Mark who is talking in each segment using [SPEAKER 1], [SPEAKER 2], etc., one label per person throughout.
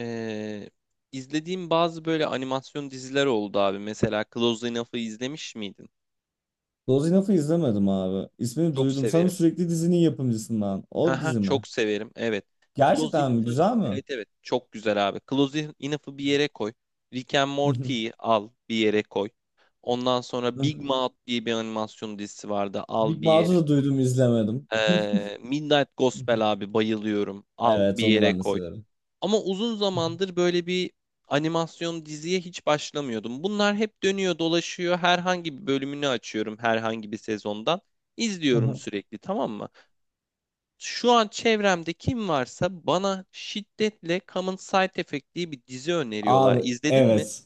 [SPEAKER 1] Ee, izlediğim bazı böyle animasyon diziler oldu abi. Mesela Close Enough'ı izlemiş miydin?
[SPEAKER 2] Dozin Off'u izlemedim abi. İsmini
[SPEAKER 1] Çok
[SPEAKER 2] duydum. Sanırım
[SPEAKER 1] severim.
[SPEAKER 2] sürekli dizinin yapımcısından. O
[SPEAKER 1] Haha,
[SPEAKER 2] dizi mi?
[SPEAKER 1] çok severim. Evet. Close
[SPEAKER 2] Gerçekten mi?
[SPEAKER 1] Enough'ı
[SPEAKER 2] Güzel mi?
[SPEAKER 1] evet evet çok güzel abi. Close Enough'ı bir yere koy. Rick and Morty'yi al bir yere koy. Ondan sonra Big Mouth diye bir animasyon dizisi vardı. Al
[SPEAKER 2] Big
[SPEAKER 1] bir
[SPEAKER 2] Mouth'u
[SPEAKER 1] yere.
[SPEAKER 2] da duydum, izlemedim.
[SPEAKER 1] Midnight Gospel abi bayılıyorum. Al
[SPEAKER 2] Evet,
[SPEAKER 1] bir
[SPEAKER 2] onu
[SPEAKER 1] yere
[SPEAKER 2] ben de
[SPEAKER 1] koy.
[SPEAKER 2] severim.
[SPEAKER 1] Ama uzun zamandır böyle bir animasyon diziye hiç başlamıyordum. Bunlar hep dönüyor dolaşıyor. Herhangi bir bölümünü açıyorum herhangi bir sezondan. İzliyorum sürekli, tamam mı? Şu an çevremde kim varsa bana şiddetle Common Side Effect diye bir dizi öneriyorlar.
[SPEAKER 2] Abi
[SPEAKER 1] İzledin mi?
[SPEAKER 2] evet.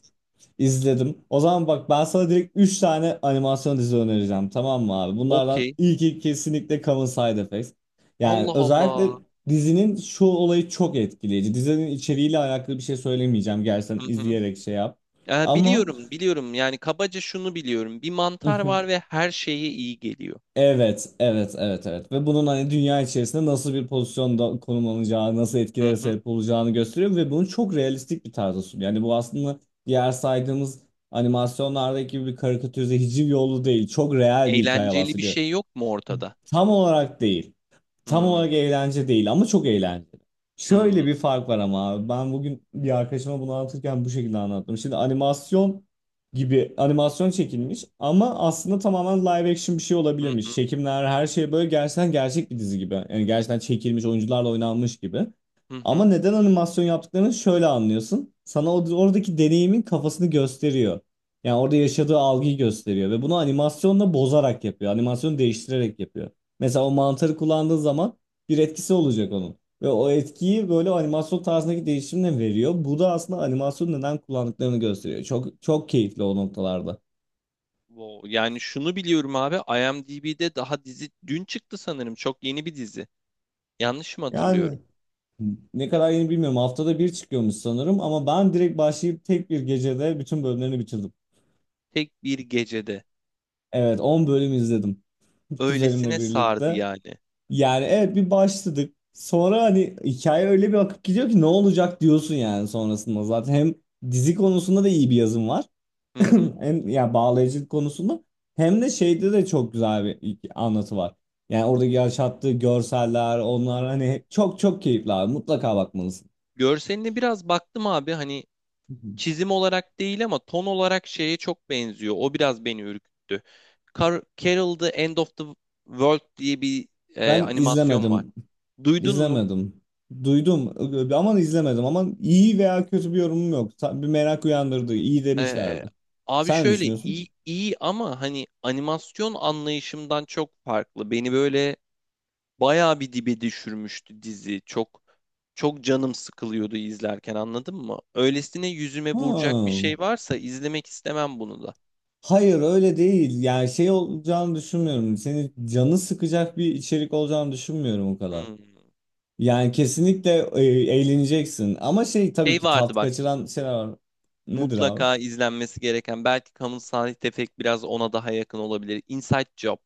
[SPEAKER 2] İzledim. O zaman bak, ben sana direkt 3 tane animasyon dizi önereceğim. Tamam mı abi? Bunlardan
[SPEAKER 1] Okey.
[SPEAKER 2] ilki kesinlikle Common Side Effects. Yani
[SPEAKER 1] Allah
[SPEAKER 2] özellikle
[SPEAKER 1] Allah.
[SPEAKER 2] dizinin şu olayı çok etkileyici. Dizinin içeriğiyle alakalı bir şey söylemeyeceğim. Gerçekten
[SPEAKER 1] Hı hı.
[SPEAKER 2] izleyerek şey yap.
[SPEAKER 1] Ya
[SPEAKER 2] Ama.
[SPEAKER 1] biliyorum biliyorum, yani kabaca şunu biliyorum. Bir mantar
[SPEAKER 2] Mhm.
[SPEAKER 1] var ve her şeye iyi geliyor.
[SPEAKER 2] Evet, evet, evet, evet. Ve bunun hani dünya içerisinde nasıl bir pozisyonda konumlanacağı, nasıl
[SPEAKER 1] Hı
[SPEAKER 2] etkilere
[SPEAKER 1] hı.
[SPEAKER 2] sebep olacağını gösteriyor ve bunu çok realistik bir tarzda sunuyor. Yani bu aslında diğer saydığımız animasyonlardaki gibi bir karikatürize hiciv yolu değil. Çok real bir hikaye
[SPEAKER 1] Eğlenceli bir
[SPEAKER 2] bahsediyor.
[SPEAKER 1] şey yok mu ortada?
[SPEAKER 2] Tam olarak değil. Tam
[SPEAKER 1] Hı
[SPEAKER 2] olarak eğlence değil ama çok eğlenceli.
[SPEAKER 1] hı.
[SPEAKER 2] Şöyle bir fark var ama abi. Ben bugün bir arkadaşıma bunu anlatırken bu şekilde anlattım. Şimdi animasyon gibi animasyon çekilmiş ama aslında tamamen live action bir şey
[SPEAKER 1] Hı
[SPEAKER 2] olabilirmiş.
[SPEAKER 1] hı.
[SPEAKER 2] Çekimler, her şey böyle gerçekten gerçek bir dizi gibi. Yani gerçekten çekilmiş, oyuncularla oynanmış gibi.
[SPEAKER 1] Hı
[SPEAKER 2] Ama
[SPEAKER 1] hı.
[SPEAKER 2] neden animasyon yaptıklarını şöyle anlıyorsun. Sana oradaki deneyimin kafasını gösteriyor. Yani orada yaşadığı algıyı gösteriyor ve bunu animasyonla bozarak yapıyor. Animasyonu değiştirerek yapıyor. Mesela o mantarı kullandığı zaman bir etkisi olacak onun. Ve o etkiyi böyle animasyon tarzındaki değişimle veriyor. Bu da aslında animasyon neden kullandıklarını gösteriyor. Çok çok keyifli o noktalarda.
[SPEAKER 1] Wow. Yani şunu biliyorum abi, IMDb'de daha dizi dün çıktı sanırım. Çok yeni bir dizi. Yanlış mı hatırlıyorum?
[SPEAKER 2] Yani ne kadar yeni bilmiyorum. Haftada bir çıkıyormuş sanırım ama ben direkt başlayıp tek bir gecede bütün bölümlerini bitirdim.
[SPEAKER 1] Tek bir gecede.
[SPEAKER 2] Evet, 10 bölüm izledim kuzenimle
[SPEAKER 1] Öylesine sardı
[SPEAKER 2] birlikte.
[SPEAKER 1] yani.
[SPEAKER 2] Yani evet, bir başladık. Sonra hani hikaye öyle bir akıp gidiyor ki ne olacak diyorsun yani sonrasında. Zaten hem dizi konusunda da iyi bir yazım var.
[SPEAKER 1] Hı hı.
[SPEAKER 2] Hem ya bağlayıcılık konusunda hem de şeyde de çok güzel bir anlatı var. Yani oradaki yaşattığı görseller,
[SPEAKER 1] Hı.
[SPEAKER 2] onlar hani çok çok keyifli abi. Mutlaka bakmalısın.
[SPEAKER 1] Görseline biraz baktım abi, hani
[SPEAKER 2] Hı hı.
[SPEAKER 1] çizim olarak değil ama ton olarak şeye çok benziyor. O biraz beni ürküttü. Carol the End of the World diye bir
[SPEAKER 2] Ben
[SPEAKER 1] animasyon var.
[SPEAKER 2] izlemedim.
[SPEAKER 1] Duydun mu?
[SPEAKER 2] İzlemedim. Duydum ama izlemedim, ama iyi veya kötü bir yorumum yok. Bir merak uyandırdı. İyi
[SPEAKER 1] Ee,
[SPEAKER 2] demişlerdi.
[SPEAKER 1] abi
[SPEAKER 2] Sen ne
[SPEAKER 1] şöyle
[SPEAKER 2] düşünüyorsun?
[SPEAKER 1] iyi iyi ama hani animasyon anlayışımdan çok farklı. Beni böyle bayağı bir dibe düşürmüştü dizi. Çok çok canım sıkılıyordu izlerken, anladın mı? Öylesine yüzüme
[SPEAKER 2] Ha.
[SPEAKER 1] vuracak bir şey varsa izlemek istemem bunu da.
[SPEAKER 2] Hayır, öyle değil. Yani şey olacağını düşünmüyorum. Seni canı sıkacak bir içerik olacağını düşünmüyorum o kadar.
[SPEAKER 1] Hmm.
[SPEAKER 2] Yani kesinlikle eğleneceksin. Ama şey, tabii
[SPEAKER 1] Şey
[SPEAKER 2] ki
[SPEAKER 1] vardı
[SPEAKER 2] tat
[SPEAKER 1] bak,
[SPEAKER 2] kaçıran şeyler var. Nedir abi?
[SPEAKER 1] mutlaka izlenmesi gereken, belki kamusal tefek biraz ona daha yakın olabilir. Inside Job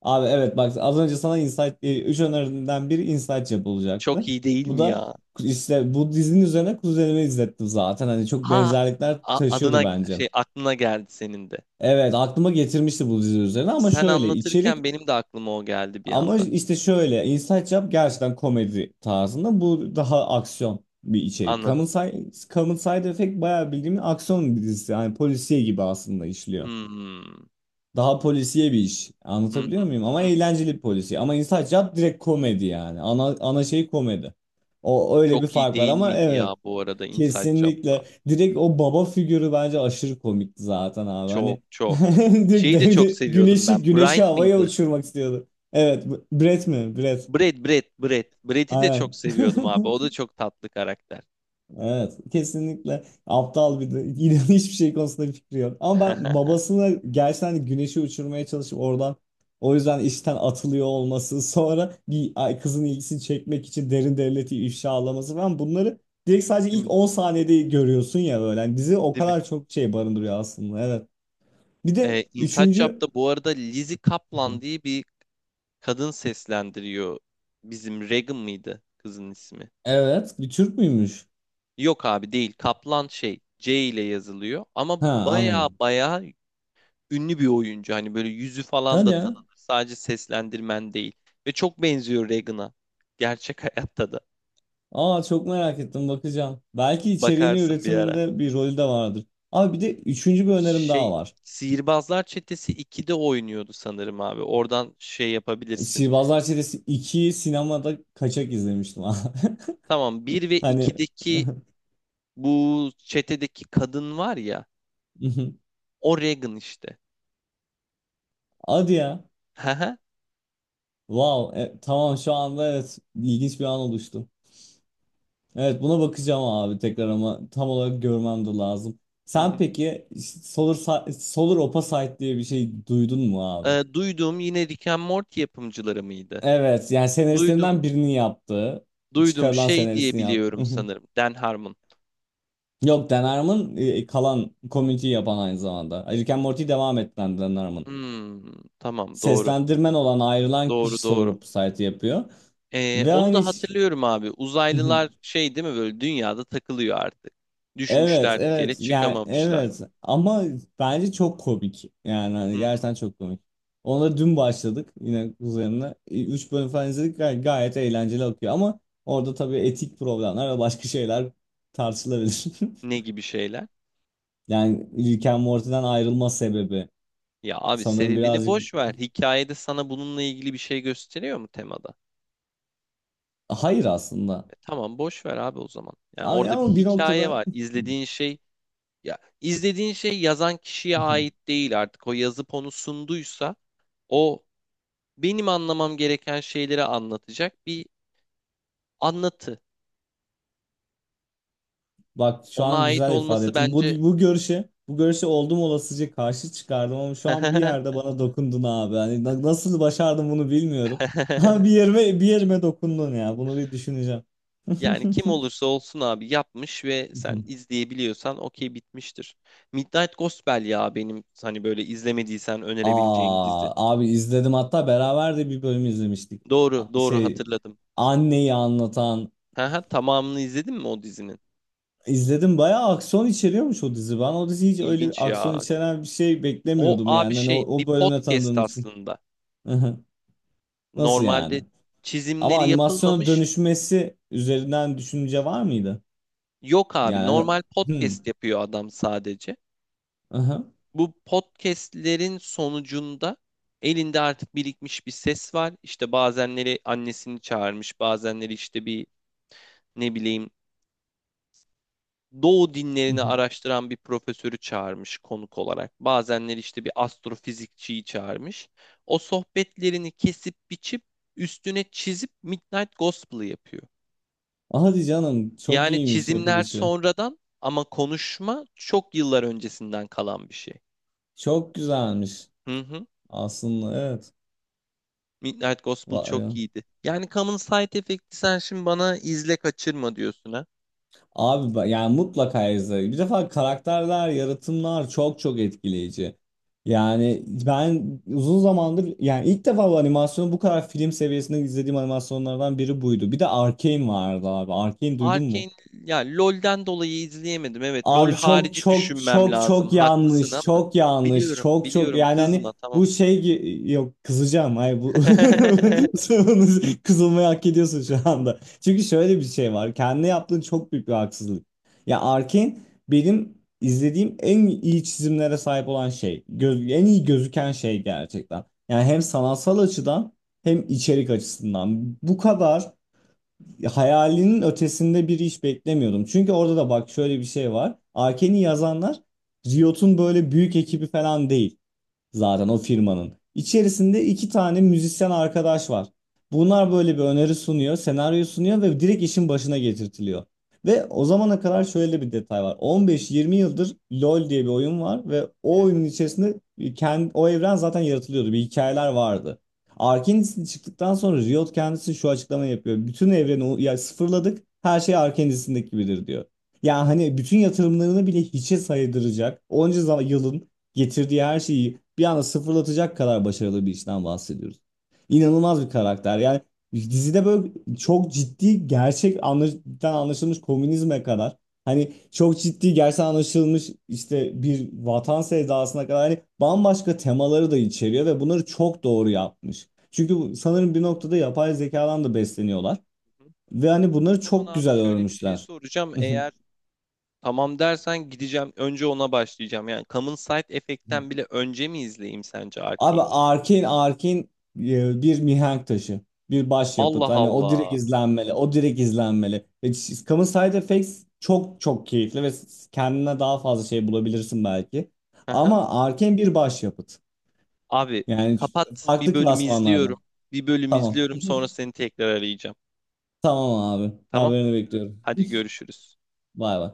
[SPEAKER 2] Abi evet, bak az önce sana insight, üç öneriden biri insight yapılacaktı.
[SPEAKER 1] çok iyi değil
[SPEAKER 2] Bu
[SPEAKER 1] mi
[SPEAKER 2] da
[SPEAKER 1] ya?
[SPEAKER 2] işte bu dizinin üzerine kuzenimi izlettim zaten. Hani çok
[SPEAKER 1] Ha,
[SPEAKER 2] benzerlikler taşıyordu
[SPEAKER 1] adına
[SPEAKER 2] bence.
[SPEAKER 1] şey aklına geldi senin de.
[SPEAKER 2] Evet, aklıma getirmişti bu dizi üzerine ama
[SPEAKER 1] Sen
[SPEAKER 2] şöyle
[SPEAKER 1] anlatırken
[SPEAKER 2] içerik.
[SPEAKER 1] benim de aklıma o geldi bir
[SPEAKER 2] Ama
[SPEAKER 1] anda.
[SPEAKER 2] işte şöyle, Inside Job gerçekten komedi tarzında, bu daha aksiyon bir içerik.
[SPEAKER 1] Anladım.
[SPEAKER 2] Common Side Effect bayağı bildiğim aksiyon bir dizisi. Yani polisiye gibi aslında işliyor.
[SPEAKER 1] Hmm.
[SPEAKER 2] Daha polisiye bir iş.
[SPEAKER 1] Hı
[SPEAKER 2] Anlatabiliyor
[SPEAKER 1] hı.
[SPEAKER 2] muyum? Ama
[SPEAKER 1] Hı hı.
[SPEAKER 2] eğlenceli bir polisiye. Ama Inside Job direkt komedi yani. Ana şey komedi. O öyle bir
[SPEAKER 1] Çok iyi
[SPEAKER 2] fark var
[SPEAKER 1] değil
[SPEAKER 2] ama
[SPEAKER 1] miydi
[SPEAKER 2] evet.
[SPEAKER 1] ya bu arada Inside Job'da?
[SPEAKER 2] Kesinlikle. Direkt o baba figürü bence aşırı komikti zaten abi.
[SPEAKER 1] Çok
[SPEAKER 2] Hani
[SPEAKER 1] çok.
[SPEAKER 2] direkt
[SPEAKER 1] Şeyi de çok
[SPEAKER 2] devlet
[SPEAKER 1] seviyordum ben.
[SPEAKER 2] güneşi
[SPEAKER 1] Brian
[SPEAKER 2] havaya
[SPEAKER 1] mıydı?
[SPEAKER 2] uçurmak istiyordu. Evet, Brett mi? Brett.
[SPEAKER 1] Brad, Brad, Brad. Brad'i de çok
[SPEAKER 2] Aynen.
[SPEAKER 1] seviyordum abi. O da çok tatlı karakter.
[SPEAKER 2] Evet, kesinlikle aptal bir de. İnan hiçbir şey konusunda bir fikri yok. Ama ben babasını gerçekten hani güneşi uçurmaya çalışıp oradan o yüzden işten atılıyor olması, sonra bir kızın ilgisini çekmek için derin devleti ifşalaması falan, bunları direkt sadece
[SPEAKER 1] Değil
[SPEAKER 2] ilk
[SPEAKER 1] mi?
[SPEAKER 2] 10 saniyede görüyorsun ya böyle. Yani dizi o
[SPEAKER 1] Değil mi?
[SPEAKER 2] kadar çok şey barındırıyor aslında. Evet. Bir de
[SPEAKER 1] Inside
[SPEAKER 2] üçüncü.
[SPEAKER 1] Job'da bu arada Lizzie Kaplan diye bir kadın seslendiriyor. Bizim Regan mıydı kızın ismi?
[SPEAKER 2] Evet, bir Türk müymüş?
[SPEAKER 1] Yok abi, değil. Kaplan şey C ile yazılıyor ama
[SPEAKER 2] Ha,
[SPEAKER 1] baya
[SPEAKER 2] anladım.
[SPEAKER 1] baya ünlü bir oyuncu. Hani böyle yüzü falan
[SPEAKER 2] Hadi
[SPEAKER 1] da
[SPEAKER 2] ya.
[SPEAKER 1] tanınır. Sadece seslendirmen değil. Ve çok benziyor Regan'a. Gerçek hayatta da.
[SPEAKER 2] Aa, çok merak ettim, bakacağım. Belki içeriğini
[SPEAKER 1] Bakarsın bir ara.
[SPEAKER 2] üretiminde bir rolü de vardır. Abi bir de üçüncü bir önerim daha
[SPEAKER 1] Şey,
[SPEAKER 2] var.
[SPEAKER 1] Sihirbazlar Çetesi 2'de oynuyordu sanırım abi. Oradan şey yapabilirsin.
[SPEAKER 2] Sihirbazlar Çetesi 2'yi sinemada kaçak izlemiştim abi.
[SPEAKER 1] Tamam, bir ve
[SPEAKER 2] Hani
[SPEAKER 1] 2'deki bu çetedeki kadın var ya. O Regan işte.
[SPEAKER 2] hadi ya.
[SPEAKER 1] Hı hı.
[SPEAKER 2] Wow. Tamam, şu anda evet ilginç bir an oluştu. Evet, buna bakacağım abi tekrar ama tam olarak görmem de lazım.
[SPEAKER 1] Hı
[SPEAKER 2] Sen
[SPEAKER 1] hı.
[SPEAKER 2] peki Solar Opposite diye bir şey duydun mu abi?
[SPEAKER 1] Duyduğum yine Rick and Morty yapımcıları mıydı?
[SPEAKER 2] Evet, yani senaristlerinden
[SPEAKER 1] Duydum.
[SPEAKER 2] birinin yaptığı,
[SPEAKER 1] Duydum
[SPEAKER 2] çıkarılan
[SPEAKER 1] şey diye
[SPEAKER 2] senaristini yaptı.
[SPEAKER 1] biliyorum sanırım. Dan Harmon.
[SPEAKER 2] Yok, Dan Harmon kalan community'yi yapan aynı zamanda. Rick and Morty'yi devam ettiren Dan Harmon.
[SPEAKER 1] Hmm, tamam, doğru.
[SPEAKER 2] Seslendirmen olan ayrılan
[SPEAKER 1] Doğru
[SPEAKER 2] kişi Solar
[SPEAKER 1] doğru.
[SPEAKER 2] Society yapıyor. Ve
[SPEAKER 1] Onu
[SPEAKER 2] aynı
[SPEAKER 1] da hatırlıyorum abi. Uzaylılar şey değil mi, böyle dünyada takılıyor artık.
[SPEAKER 2] Evet
[SPEAKER 1] Düşmüşler bir kere
[SPEAKER 2] evet, yani
[SPEAKER 1] çıkamamışlar.
[SPEAKER 2] evet ama bence çok komik yani,
[SPEAKER 1] Hı
[SPEAKER 2] hani
[SPEAKER 1] hı.
[SPEAKER 2] gerçekten çok komik. Ona dün başladık yine üzerine. Üç bölüm falan izledik, gayet eğlenceli akıyor ama orada tabii etik problemler ve başka şeyler tartışılabilir.
[SPEAKER 1] Ne gibi şeyler?
[SPEAKER 2] Yani Rick and Morty'den ayrılma sebebi
[SPEAKER 1] Ya abi,
[SPEAKER 2] sanırım
[SPEAKER 1] sebebini
[SPEAKER 2] birazcık.
[SPEAKER 1] boş ver. Hikayede sana bununla ilgili bir şey gösteriyor mu temada?
[SPEAKER 2] Hayır aslında.
[SPEAKER 1] Tamam boş ver abi o zaman. Yani
[SPEAKER 2] Ama
[SPEAKER 1] orada bir
[SPEAKER 2] ama bir
[SPEAKER 1] hikaye
[SPEAKER 2] noktada
[SPEAKER 1] var. İzlediğin şey, ya izlediğin şey yazan kişiye ait değil artık. O yazıp onu sunduysa o, benim anlamam gereken şeyleri anlatacak bir anlatı.
[SPEAKER 2] bak şu
[SPEAKER 1] Ona
[SPEAKER 2] an
[SPEAKER 1] ait
[SPEAKER 2] güzel ifade
[SPEAKER 1] olması
[SPEAKER 2] ettim. Bu,
[SPEAKER 1] bence,
[SPEAKER 2] bu görüşe bu görüşe oldum olasıca karşı çıkardım ama şu an bir yerde bana dokundun abi. Hani nasıl başardım bunu bilmiyorum. Ha, bir yerime bir yerime dokundun ya. Bunu bir düşüneceğim.
[SPEAKER 1] yani kim olursa olsun abi, yapmış ve sen izleyebiliyorsan okey, bitmiştir. Midnight Gospel ya benim hani böyle izlemediysen önerebileceğim dizi.
[SPEAKER 2] Aa abi, izledim, hatta beraber de bir bölüm izlemiştik.
[SPEAKER 1] Doğru, doğru
[SPEAKER 2] Şey,
[SPEAKER 1] hatırladım.
[SPEAKER 2] anneyi anlatan.
[SPEAKER 1] Haha, tamamını izledin mi o dizinin?
[SPEAKER 2] İzledim, bayağı aksiyon içeriyormuş o dizi. Ben o dizi hiç öyle bir
[SPEAKER 1] İlginç
[SPEAKER 2] aksiyon
[SPEAKER 1] ya.
[SPEAKER 2] içeren bir şey
[SPEAKER 1] O
[SPEAKER 2] beklemiyordum
[SPEAKER 1] abi
[SPEAKER 2] yani. Hani o,
[SPEAKER 1] şey, bir
[SPEAKER 2] o bölümle
[SPEAKER 1] podcast
[SPEAKER 2] tanıdığım için.
[SPEAKER 1] aslında.
[SPEAKER 2] Nasıl yani?
[SPEAKER 1] Normalde
[SPEAKER 2] Ama
[SPEAKER 1] çizimleri
[SPEAKER 2] animasyona
[SPEAKER 1] yapılmamış.
[SPEAKER 2] dönüşmesi üzerinden düşünce var mıydı?
[SPEAKER 1] Yok abi,
[SPEAKER 2] Yani hani...
[SPEAKER 1] normal
[SPEAKER 2] Hmm.
[SPEAKER 1] podcast yapıyor adam sadece.
[SPEAKER 2] Aha.
[SPEAKER 1] Bu podcastlerin sonucunda elinde artık birikmiş bir ses var. İşte bazenleri annesini çağırmış, bazenleri işte bir, ne bileyim, Doğu dinlerini araştıran bir profesörü çağırmış konuk olarak. Bazenleri işte bir astrofizikçiyi çağırmış. O sohbetlerini kesip biçip üstüne çizip Midnight Gospel'ı yapıyor.
[SPEAKER 2] Hadi canım, çok
[SPEAKER 1] Yani
[SPEAKER 2] iyiymiş
[SPEAKER 1] çizimler
[SPEAKER 2] yapılışı.
[SPEAKER 1] sonradan ama konuşma çok yıllar öncesinden kalan bir şey.
[SPEAKER 2] Çok güzelmiş
[SPEAKER 1] Hı hı.
[SPEAKER 2] aslında, evet.
[SPEAKER 1] Midnight Gospel çok
[SPEAKER 2] Vay.
[SPEAKER 1] iyiydi. Yani Common Side efekti sen şimdi bana izle kaçırma diyorsun ha.
[SPEAKER 2] Abi yani mutlaka izle. Bir defa karakterler, yaratımlar çok çok etkileyici. Yani ben uzun zamandır, yani ilk defa bu animasyonu bu kadar film seviyesinde izlediğim animasyonlardan biri buydu. Bir de Arcane vardı abi. Arcane duydun mu?
[SPEAKER 1] Arcane ya LoL'den dolayı izleyemedim. Evet, LoL
[SPEAKER 2] Abi çok
[SPEAKER 1] harici
[SPEAKER 2] çok
[SPEAKER 1] düşünmem
[SPEAKER 2] çok
[SPEAKER 1] lazım.
[SPEAKER 2] çok
[SPEAKER 1] Haklısın
[SPEAKER 2] yanlış.
[SPEAKER 1] ama
[SPEAKER 2] Çok yanlış.
[SPEAKER 1] biliyorum
[SPEAKER 2] Çok çok
[SPEAKER 1] biliyorum,
[SPEAKER 2] yani hani
[SPEAKER 1] kızma, tamam.
[SPEAKER 2] bu şey yok, kızacağım. Hayır, bu kızılmayı hak ediyorsun şu anda. Çünkü şöyle bir şey var. Kendine yaptığın çok büyük bir haksızlık. Ya Arkin benim izlediğim en iyi çizimlere sahip olan şey. En iyi gözüken şey gerçekten. Yani hem sanatsal açıdan hem içerik açısından. Bu kadar hayalinin ötesinde bir iş beklemiyordum. Çünkü orada da bak şöyle bir şey var. Arken'i yazanlar Riot'un böyle büyük ekibi falan değil zaten, o firmanın. İçerisinde iki tane müzisyen arkadaş var. Bunlar böyle bir öneri sunuyor, senaryo sunuyor ve direkt işin başına getirtiliyor. Ve o zamana kadar şöyle bir detay var. 15-20 yıldır LoL diye bir oyun var ve o
[SPEAKER 1] Evet.
[SPEAKER 2] oyunun içerisinde kendi, o evren zaten yaratılıyordu. Bir hikayeler vardı. Arkane'in çıktıktan sonra Riot kendisi şu açıklamayı yapıyor. Bütün evreni ya sıfırladık. Her şey Arkane'sindeki gibidir diyor. Yani hani bütün yatırımlarını bile hiçe saydıracak, onca zaman yılın getirdiği her şeyi bir anda sıfırlatacak kadar başarılı bir işten bahsediyoruz. İnanılmaz bir karakter. Yani dizide böyle çok ciddi gerçek anlaşılmış komünizme kadar, hani çok ciddi gerçekten anlaşılmış işte bir vatan sevdasına kadar, hani bambaşka temaları da içeriyor ve bunları çok doğru yapmış. Çünkü sanırım bir noktada yapay zekadan da besleniyorlar
[SPEAKER 1] Hı.
[SPEAKER 2] ve hani
[SPEAKER 1] O
[SPEAKER 2] bunları
[SPEAKER 1] zaman
[SPEAKER 2] çok
[SPEAKER 1] abi
[SPEAKER 2] güzel
[SPEAKER 1] şöyle bir şey
[SPEAKER 2] örmüşler.
[SPEAKER 1] soracağım. Eğer tamam dersen gideceğim. Önce ona başlayacağım. Yani Common Side efektten bile önce mi izleyeyim sence
[SPEAKER 2] Abi
[SPEAKER 1] Arcane'i?
[SPEAKER 2] Arkane bir mihenk taşı. Bir başyapıt.
[SPEAKER 1] Allah
[SPEAKER 2] Hani o direkt
[SPEAKER 1] Allah.
[SPEAKER 2] izlenmeli. O direkt izlenmeli. Common Side Effects çok çok keyifli ve kendine daha fazla şey bulabilirsin belki.
[SPEAKER 1] Aha.
[SPEAKER 2] Ama Arkane bir başyapıt.
[SPEAKER 1] Abi
[SPEAKER 2] Yani
[SPEAKER 1] kapat, bir
[SPEAKER 2] farklı
[SPEAKER 1] bölüm
[SPEAKER 2] klasmanlarla.
[SPEAKER 1] izliyorum. Bir bölüm
[SPEAKER 2] Tamam.
[SPEAKER 1] izliyorum, sonra seni tekrar arayacağım.
[SPEAKER 2] Tamam abi.
[SPEAKER 1] Tamam?
[SPEAKER 2] Haberini bekliyorum.
[SPEAKER 1] Hadi görüşürüz.
[SPEAKER 2] Bay bay.